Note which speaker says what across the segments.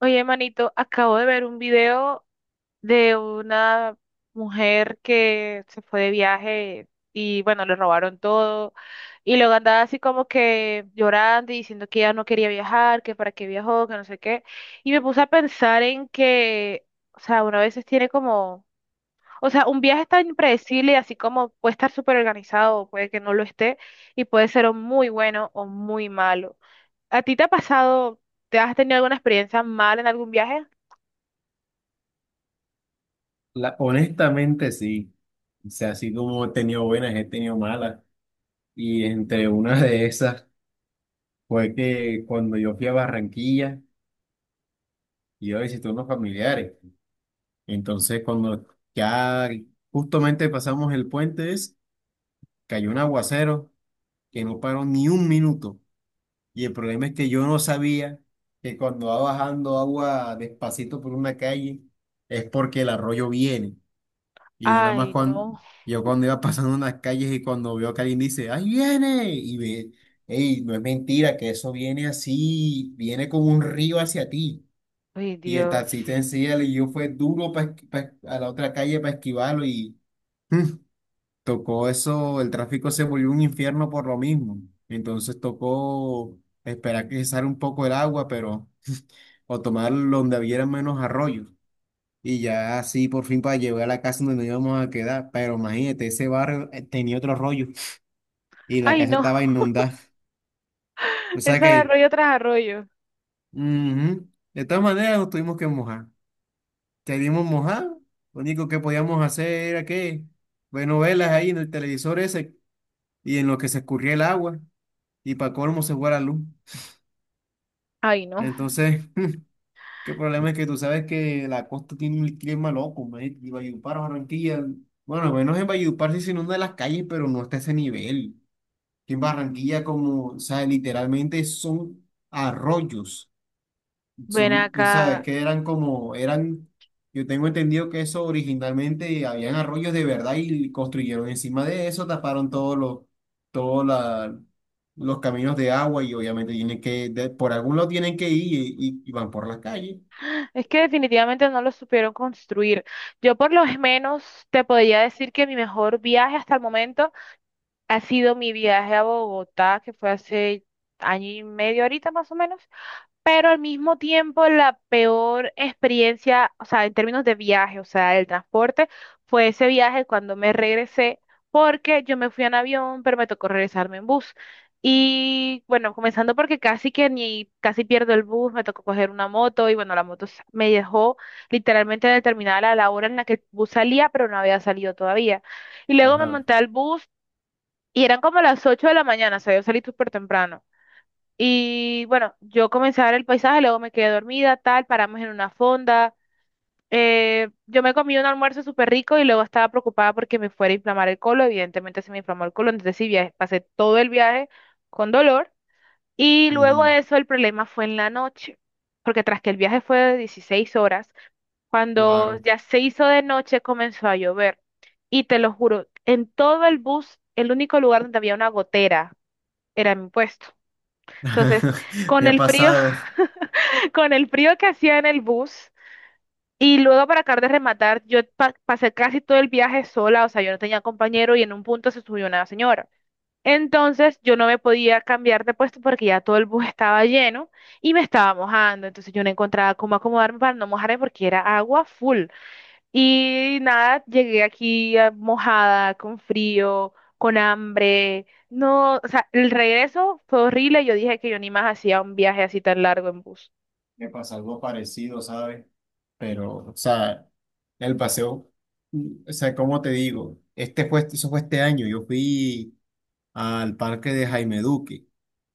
Speaker 1: Oye, manito, acabo de ver un video de una mujer que se fue de viaje y bueno, le robaron todo y luego andaba así como que llorando y diciendo que ella no quería viajar, que para qué viajó, que no sé qué. Y me puse a pensar en que, o sea, uno a veces tiene como, o sea, un viaje es tan impredecible, así como puede estar súper organizado, puede que no lo esté y puede ser o muy bueno o muy malo. ¿A ti te ha pasado, te has tenido alguna experiencia mal en algún viaje?
Speaker 2: Honestamente sí. O sea, así como he tenido buenas, he tenido malas. Y entre una de esas fue que cuando yo fui a Barranquilla, yo visité unos familiares. Entonces, cuando ya justamente pasamos el puente, cayó un aguacero que no paró ni un minuto. Y el problema es que yo no sabía que cuando va bajando agua despacito por una calle, es porque el arroyo viene. Y yo nada más
Speaker 1: Ay,
Speaker 2: cuando,
Speaker 1: no.
Speaker 2: yo cuando iba pasando unas calles y cuando veo que alguien dice, ¡ahí viene! Y ve, ¡ey! No es mentira que eso viene así, viene como un río hacia ti.
Speaker 1: Ay,
Speaker 2: Y el taxista
Speaker 1: Dios.
Speaker 2: encima le dio fue duro a la otra calle para esquivarlo y mm, tocó eso, el tráfico se volvió un infierno por lo mismo. Entonces tocó esperar que cesara un poco el agua, pero o tomar donde hubiera menos arroyos. Y ya así por fin para llegar a la casa donde nos íbamos a quedar. Pero imagínate, ese barrio tenía otro rollo y la
Speaker 1: Ay,
Speaker 2: casa
Speaker 1: no.
Speaker 2: estaba inundada. O sea
Speaker 1: Ese
Speaker 2: que,
Speaker 1: arroyo tras arroyo.
Speaker 2: ujú. De todas maneras nos tuvimos que mojar. Queríamos mojar, lo único que podíamos hacer era que ver novelas ahí en el televisor ese y en lo que se escurría el agua y para colmo se fue la luz.
Speaker 1: Ay, no.
Speaker 2: Entonces, qué problema es que tú sabes que la costa tiene un clima loco, man, y Valledupar, Barranquilla. Bueno, al menos en Valledupar sí se inunda las calles, pero no está a ese nivel, que en Barranquilla, como, o sea, literalmente son arroyos.
Speaker 1: Ven
Speaker 2: Son, esa,
Speaker 1: acá.
Speaker 2: que eran como, eran, yo tengo entendido que eso originalmente habían arroyos de verdad y construyeron encima de eso, taparon todos los, todos la- los caminos de agua y obviamente tienen que, por algún lado tienen que ir y van por las calles.
Speaker 1: Es que definitivamente no lo supieron construir. Yo por lo menos te podría decir que mi mejor viaje hasta el momento ha sido mi viaje a Bogotá, que fue hace año y medio ahorita más o menos. Pero al mismo tiempo la peor experiencia, o sea, en términos de viaje, o sea, el transporte, fue ese viaje cuando me regresé, porque yo me fui en avión, pero me tocó regresarme en bus. Y bueno, comenzando porque casi que ni, casi pierdo el bus, me tocó coger una moto y bueno, la moto me dejó literalmente en el terminal a la hora en la que el bus salía, pero no había salido todavía. Y luego me
Speaker 2: Ajá.
Speaker 1: monté al bus y eran como las 8 de la mañana, o sea, yo salí súper temprano. Y bueno, yo comencé a ver el paisaje, luego me quedé dormida, tal, paramos en una fonda. Yo me comí un almuerzo súper rico y luego estaba preocupada porque me fuera a inflamar el colon. Evidentemente se me inflamó el colon, entonces sí, pasé todo el viaje con dolor. Y luego
Speaker 2: Ujú.
Speaker 1: de eso el problema fue en la noche, porque tras que el viaje fue de 16 horas, cuando
Speaker 2: Claro.
Speaker 1: ya se hizo de noche comenzó a llover. Y te lo juro, en todo el bus, el único lugar donde había una gotera era mi puesto. Entonces, con
Speaker 2: Me ha
Speaker 1: el frío,
Speaker 2: pasado.
Speaker 1: con el frío que hacía en el bus y luego para acabar de rematar, yo pasé casi todo el viaje sola, o sea, yo no tenía compañero y en un punto se subió una señora. Entonces yo no me podía cambiar de puesto porque ya todo el bus estaba lleno y me estaba mojando, entonces yo no encontraba cómo acomodarme para no mojarme porque era agua full. Y nada, llegué aquí mojada, con frío, con hambre. No, o sea, el regreso fue horrible, yo dije que yo ni más hacía un viaje así tan largo en bus.
Speaker 2: Me pasó algo parecido, ¿sabes? Pero, o sea, el paseo, o sea, ¿cómo te digo? Este fue, eso fue este año. Yo fui al parque de Jaime Duque,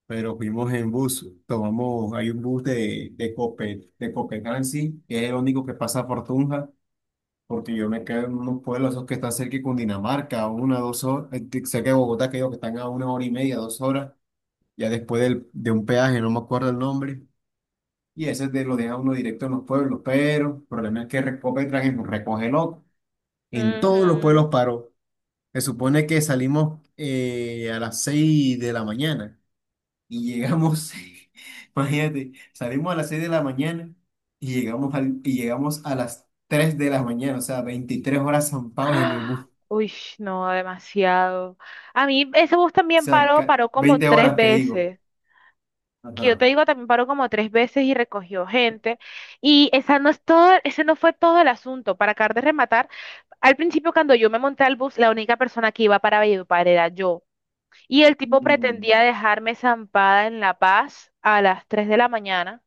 Speaker 2: pero fuimos en bus. Tomamos, hay un bus de Copenhague, que es el único que pasa por Tunja, porque yo me quedo en unos pueblos esos que están cerca de Cundinamarca, a una, dos horas, cerca de Bogotá, que digo que están a una hora y media, dos horas, ya después de un peaje, no me acuerdo el nombre. Y ese lo deja uno directo en los pueblos, pero el problema es que Recopetran es un recoge loco. En todos los
Speaker 1: Ujú.
Speaker 2: pueblos paró. Se supone que salimos a las 6 de la mañana y llegamos, imagínate, salimos a las 6 de la mañana y llegamos, y llegamos a las 3 de la mañana, o sea, 23 horas zampados en el bus.
Speaker 1: ¡Ah!
Speaker 2: O
Speaker 1: Uy, no, demasiado. A mí ese bus también
Speaker 2: sea,
Speaker 1: paró, paró como
Speaker 2: 20
Speaker 1: tres
Speaker 2: horas que digo.
Speaker 1: veces. Que yo
Speaker 2: Ajá.
Speaker 1: te digo, también paró como tres veces y recogió gente. Y esa no es todo, ese no fue todo el asunto. Para acabar de rematar, al principio cuando yo me monté al bus, la única persona que iba para Valledupar era yo. Y el tipo
Speaker 2: Mm.
Speaker 1: pretendía dejarme zampada en La Paz a las 3 de la mañana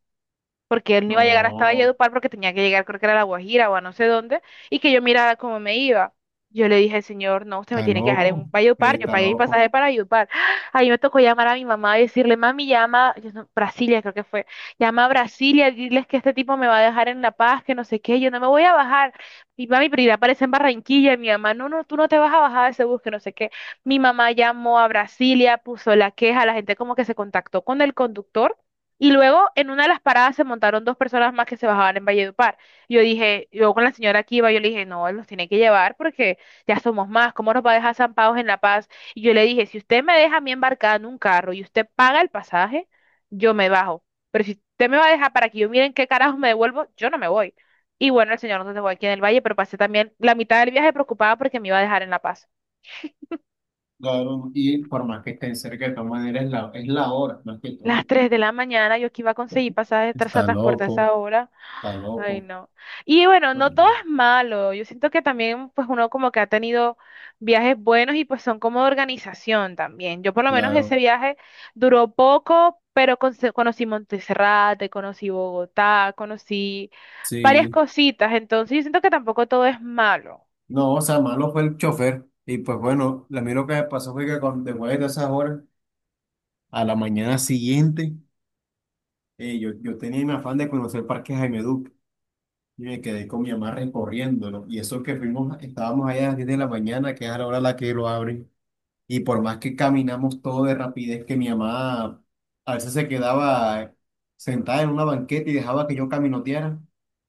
Speaker 1: porque él no iba a llegar hasta
Speaker 2: No,
Speaker 1: Valledupar porque tenía que llegar, creo que era a La Guajira o a no sé dónde, y que yo mirara cómo me iba. Yo le dije, señor, no, usted me
Speaker 2: está
Speaker 1: tiene que dejar
Speaker 2: loco,
Speaker 1: en
Speaker 2: él
Speaker 1: Valledupar, yo
Speaker 2: está
Speaker 1: pagué mi pasaje
Speaker 2: loco.
Speaker 1: para Valledupar. Ahí me tocó llamar a mi mamá y decirle, mami, llama, yo no- Brasilia creo que fue, llama a Brasilia, diles que este tipo me va a dejar en La Paz, que no sé qué, yo no me voy a bajar. Y mami, pero irá aparece en Barranquilla, y mi mamá, no, no, tú no te vas a bajar de ese bus, que no sé qué. Mi mamá llamó a Brasilia, puso la queja, la gente como que se contactó con el conductor y luego en una de las paradas se montaron 2 personas más que se bajaban en Valledupar. Yo dije, yo con la señora que iba, yo le dije, no, él nos tiene que llevar porque ya somos más, ¿cómo nos va a dejar zampados en La Paz? Y yo le dije, si usted me deja a mí embarcada en un carro y usted paga el pasaje, yo me bajo. Pero si usted me va a dejar para que yo miren qué carajos me devuelvo, yo no me voy. Y bueno, el señor nos dejó aquí en el valle, pero pasé también la mitad del viaje preocupada porque me iba a dejar en La Paz.
Speaker 2: Claro, y por más que estén cerca, de todas maneras es la, hora, más que
Speaker 1: Las
Speaker 2: todo.
Speaker 1: 3 de la mañana, yo que iba a conseguir pasaje de
Speaker 2: Está
Speaker 1: transporte a esa
Speaker 2: loco.
Speaker 1: hora.
Speaker 2: Está
Speaker 1: Ay,
Speaker 2: loco.
Speaker 1: no. Y bueno, no todo
Speaker 2: Bueno,
Speaker 1: es malo. Yo siento que también, pues uno como que ha tenido viajes buenos y pues son como de organización también. Yo por lo menos ese
Speaker 2: claro.
Speaker 1: viaje duró poco, pero conocí Monteserrate, conocí Bogotá, conocí varias
Speaker 2: Sí,
Speaker 1: cositas. Entonces yo siento que tampoco todo es malo.
Speaker 2: no, o sea, malo fue el chofer. Y pues bueno, a mí lo que me pasó fue que cuando, después de esas horas, a la mañana siguiente, yo tenía mi afán de conocer el Parque Jaime Duque. Y me quedé con mi mamá recorriéndolo. Y eso que fuimos, estábamos allá a las 10 de la mañana, que es a la hora a la que lo abren. Y por más que caminamos todo de rapidez, que mi mamá a veces se quedaba sentada en una banqueta y dejaba que yo caminoteara.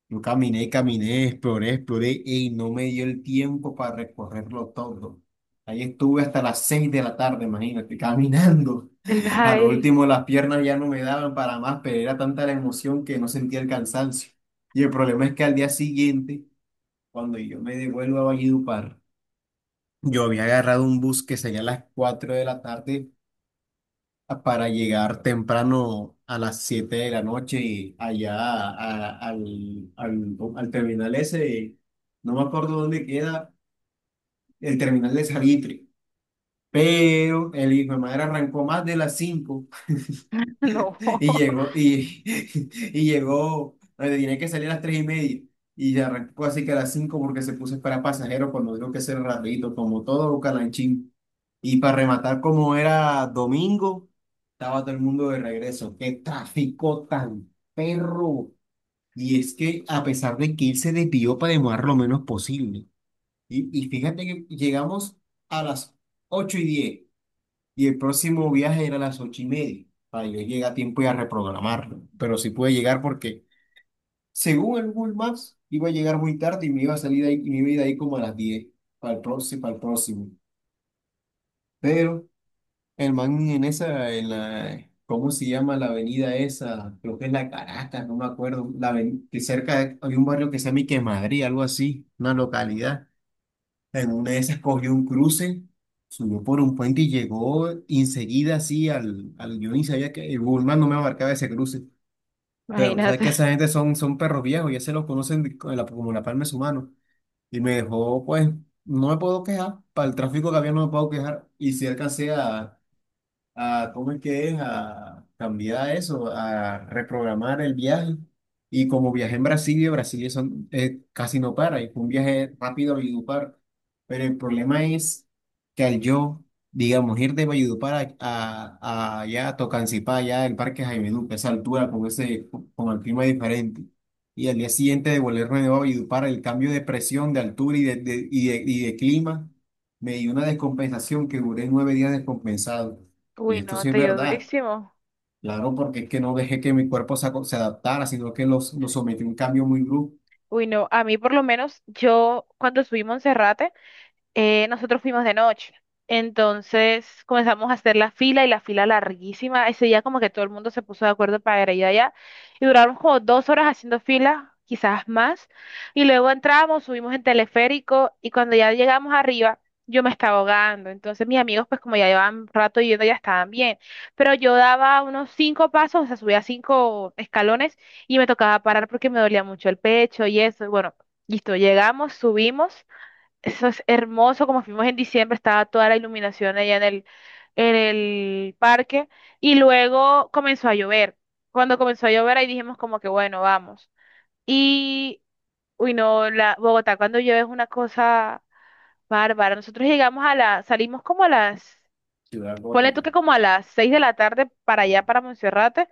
Speaker 2: Yo caminé, caminé, exploré, exploré y no me dio el tiempo para recorrerlo todo. Ahí estuve hasta las 6 de la tarde, imagínate, caminando.
Speaker 1: El
Speaker 2: A lo
Speaker 1: viaje,
Speaker 2: último las piernas ya no me daban para más, pero era tanta la emoción que no sentía el cansancio. Y el problema es que al día siguiente, cuando yo me devuelvo a Valledupar, yo había agarrado un bus que salía a las 4 de la tarde para llegar temprano a las 7 de la noche y allá al terminal ese, no me acuerdo dónde queda, el terminal de Salitre, pero el hijo de madre arrancó más de las 5.
Speaker 1: no,
Speaker 2: Y llegó, y, y llegó, donde tenía que salir a las 3:30. Y arrancó así que a las 5 porque se puso para pasajeros cuando digo que ser rapidito, como todo calanchín. Y para rematar, como era domingo, estaba todo el mundo de regreso. ¡Qué tráfico tan perro! Y es que a pesar de que él se desvió para demorar lo menos posible. Y fíjate que llegamos a las 8:10 y el próximo viaje era a las 8:30, para yo llegar a tiempo y a reprogramarlo. Pero sí pude llegar porque, según el Google Maps, iba a llegar muy tarde y me iba a salir de ahí, y me iba a ir de ahí como a las 10 para el próximo, para el próximo. Pero el man en esa, en la, ¿cómo se llama la avenida esa? Creo que es la Caracas, no me acuerdo. Que cerca hay un barrio que se llama Ique Madrid, algo así, una localidad. En una de esas cogió un cruce, subió por un puente y llegó enseguida así al, yo ni sabía que el Google Maps no me marcaba ese cruce. Pero sabes
Speaker 1: imagínate.
Speaker 2: que esa gente son, perros viejos, ya se los conocen como la palma de su mano. Y me dejó, pues, no me puedo quejar, para el tráfico que había no me puedo quejar. Y si alcancé ¿cómo es que es? A cambiar eso, a reprogramar el viaje. Y como viajé en Brasilia, Brasilia son, casi no para, y fue un viaje rápido a Valledupar. Pero el problema es que al yo, digamos, ir de Valledupar a allá, a Tocancipá, allá el Parque Jaime Duque, esa altura, con ese, con el clima diferente. Y al día siguiente de volverme de nuevo a Valledupar, el cambio de presión, de altura y de clima, me dio una descompensación que duré 9 días descompensado. Y
Speaker 1: Uy,
Speaker 2: esto
Speaker 1: no,
Speaker 2: sí es
Speaker 1: te dio
Speaker 2: verdad,
Speaker 1: durísimo.
Speaker 2: claro, porque es que no dejé que mi cuerpo se adaptara, sino que lo sometí a un cambio muy brusco.
Speaker 1: Uy, no, a mí por lo menos yo cuando subí Monserrate, nosotros fuimos de noche. Entonces comenzamos a hacer la fila y la fila larguísima. Ese día como que todo el mundo se puso de acuerdo para ir allá y duramos como 2 horas haciendo fila, quizás más. Y luego entramos, subimos en teleférico y cuando ya llegamos arriba, yo me estaba ahogando. Entonces mis amigos pues como ya llevaban rato yendo ya estaban bien. Pero yo daba unos cinco pasos, o sea, subía cinco escalones y me tocaba parar porque me dolía mucho el pecho y eso. Y bueno, listo, llegamos, subimos. Eso es hermoso, como fuimos en diciembre, estaba toda la iluminación allá en el parque y luego comenzó a llover. Cuando comenzó a llover ahí dijimos como que bueno, vamos. Y, uy, no, Bogotá cuando llueve es una cosa bárbara. Nosotros llegamos a salimos como a
Speaker 2: Ciudad
Speaker 1: ponle tú
Speaker 2: gótica.
Speaker 1: que como a las 6 de la tarde para allá, para Monserrate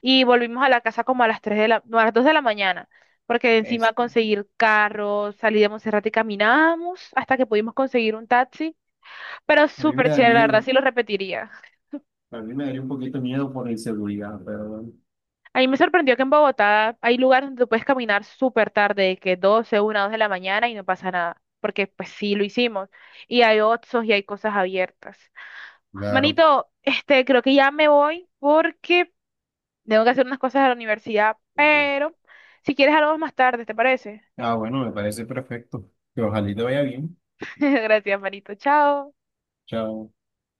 Speaker 1: y volvimos a la casa como a las 3 de la, no, a las 2 de la mañana, porque encima
Speaker 2: Es-
Speaker 1: conseguir carros, salí de Monserrate y caminamos hasta que pudimos conseguir un taxi, pero
Speaker 2: A mí me
Speaker 1: súper
Speaker 2: da
Speaker 1: chévere, la verdad,
Speaker 2: miedo,
Speaker 1: sí lo repetiría.
Speaker 2: a mí me daría un poquito de miedo por la inseguridad, pero bueno.
Speaker 1: A mí me sorprendió que en Bogotá hay lugares donde tú puedes caminar súper tarde, que 12, 1, 2 de la mañana y no pasa nada, porque pues sí lo hicimos, y hay Oxxos y hay cosas abiertas.
Speaker 2: Claro.
Speaker 1: Manito, este, creo que ya me voy porque tengo que hacer unas cosas a la universidad, pero si quieres hablamos más tarde, ¿te parece?
Speaker 2: Ah, bueno, me parece perfecto. Que ojalá y te vaya bien.
Speaker 1: Gracias, Marito. Chao.
Speaker 2: Chao.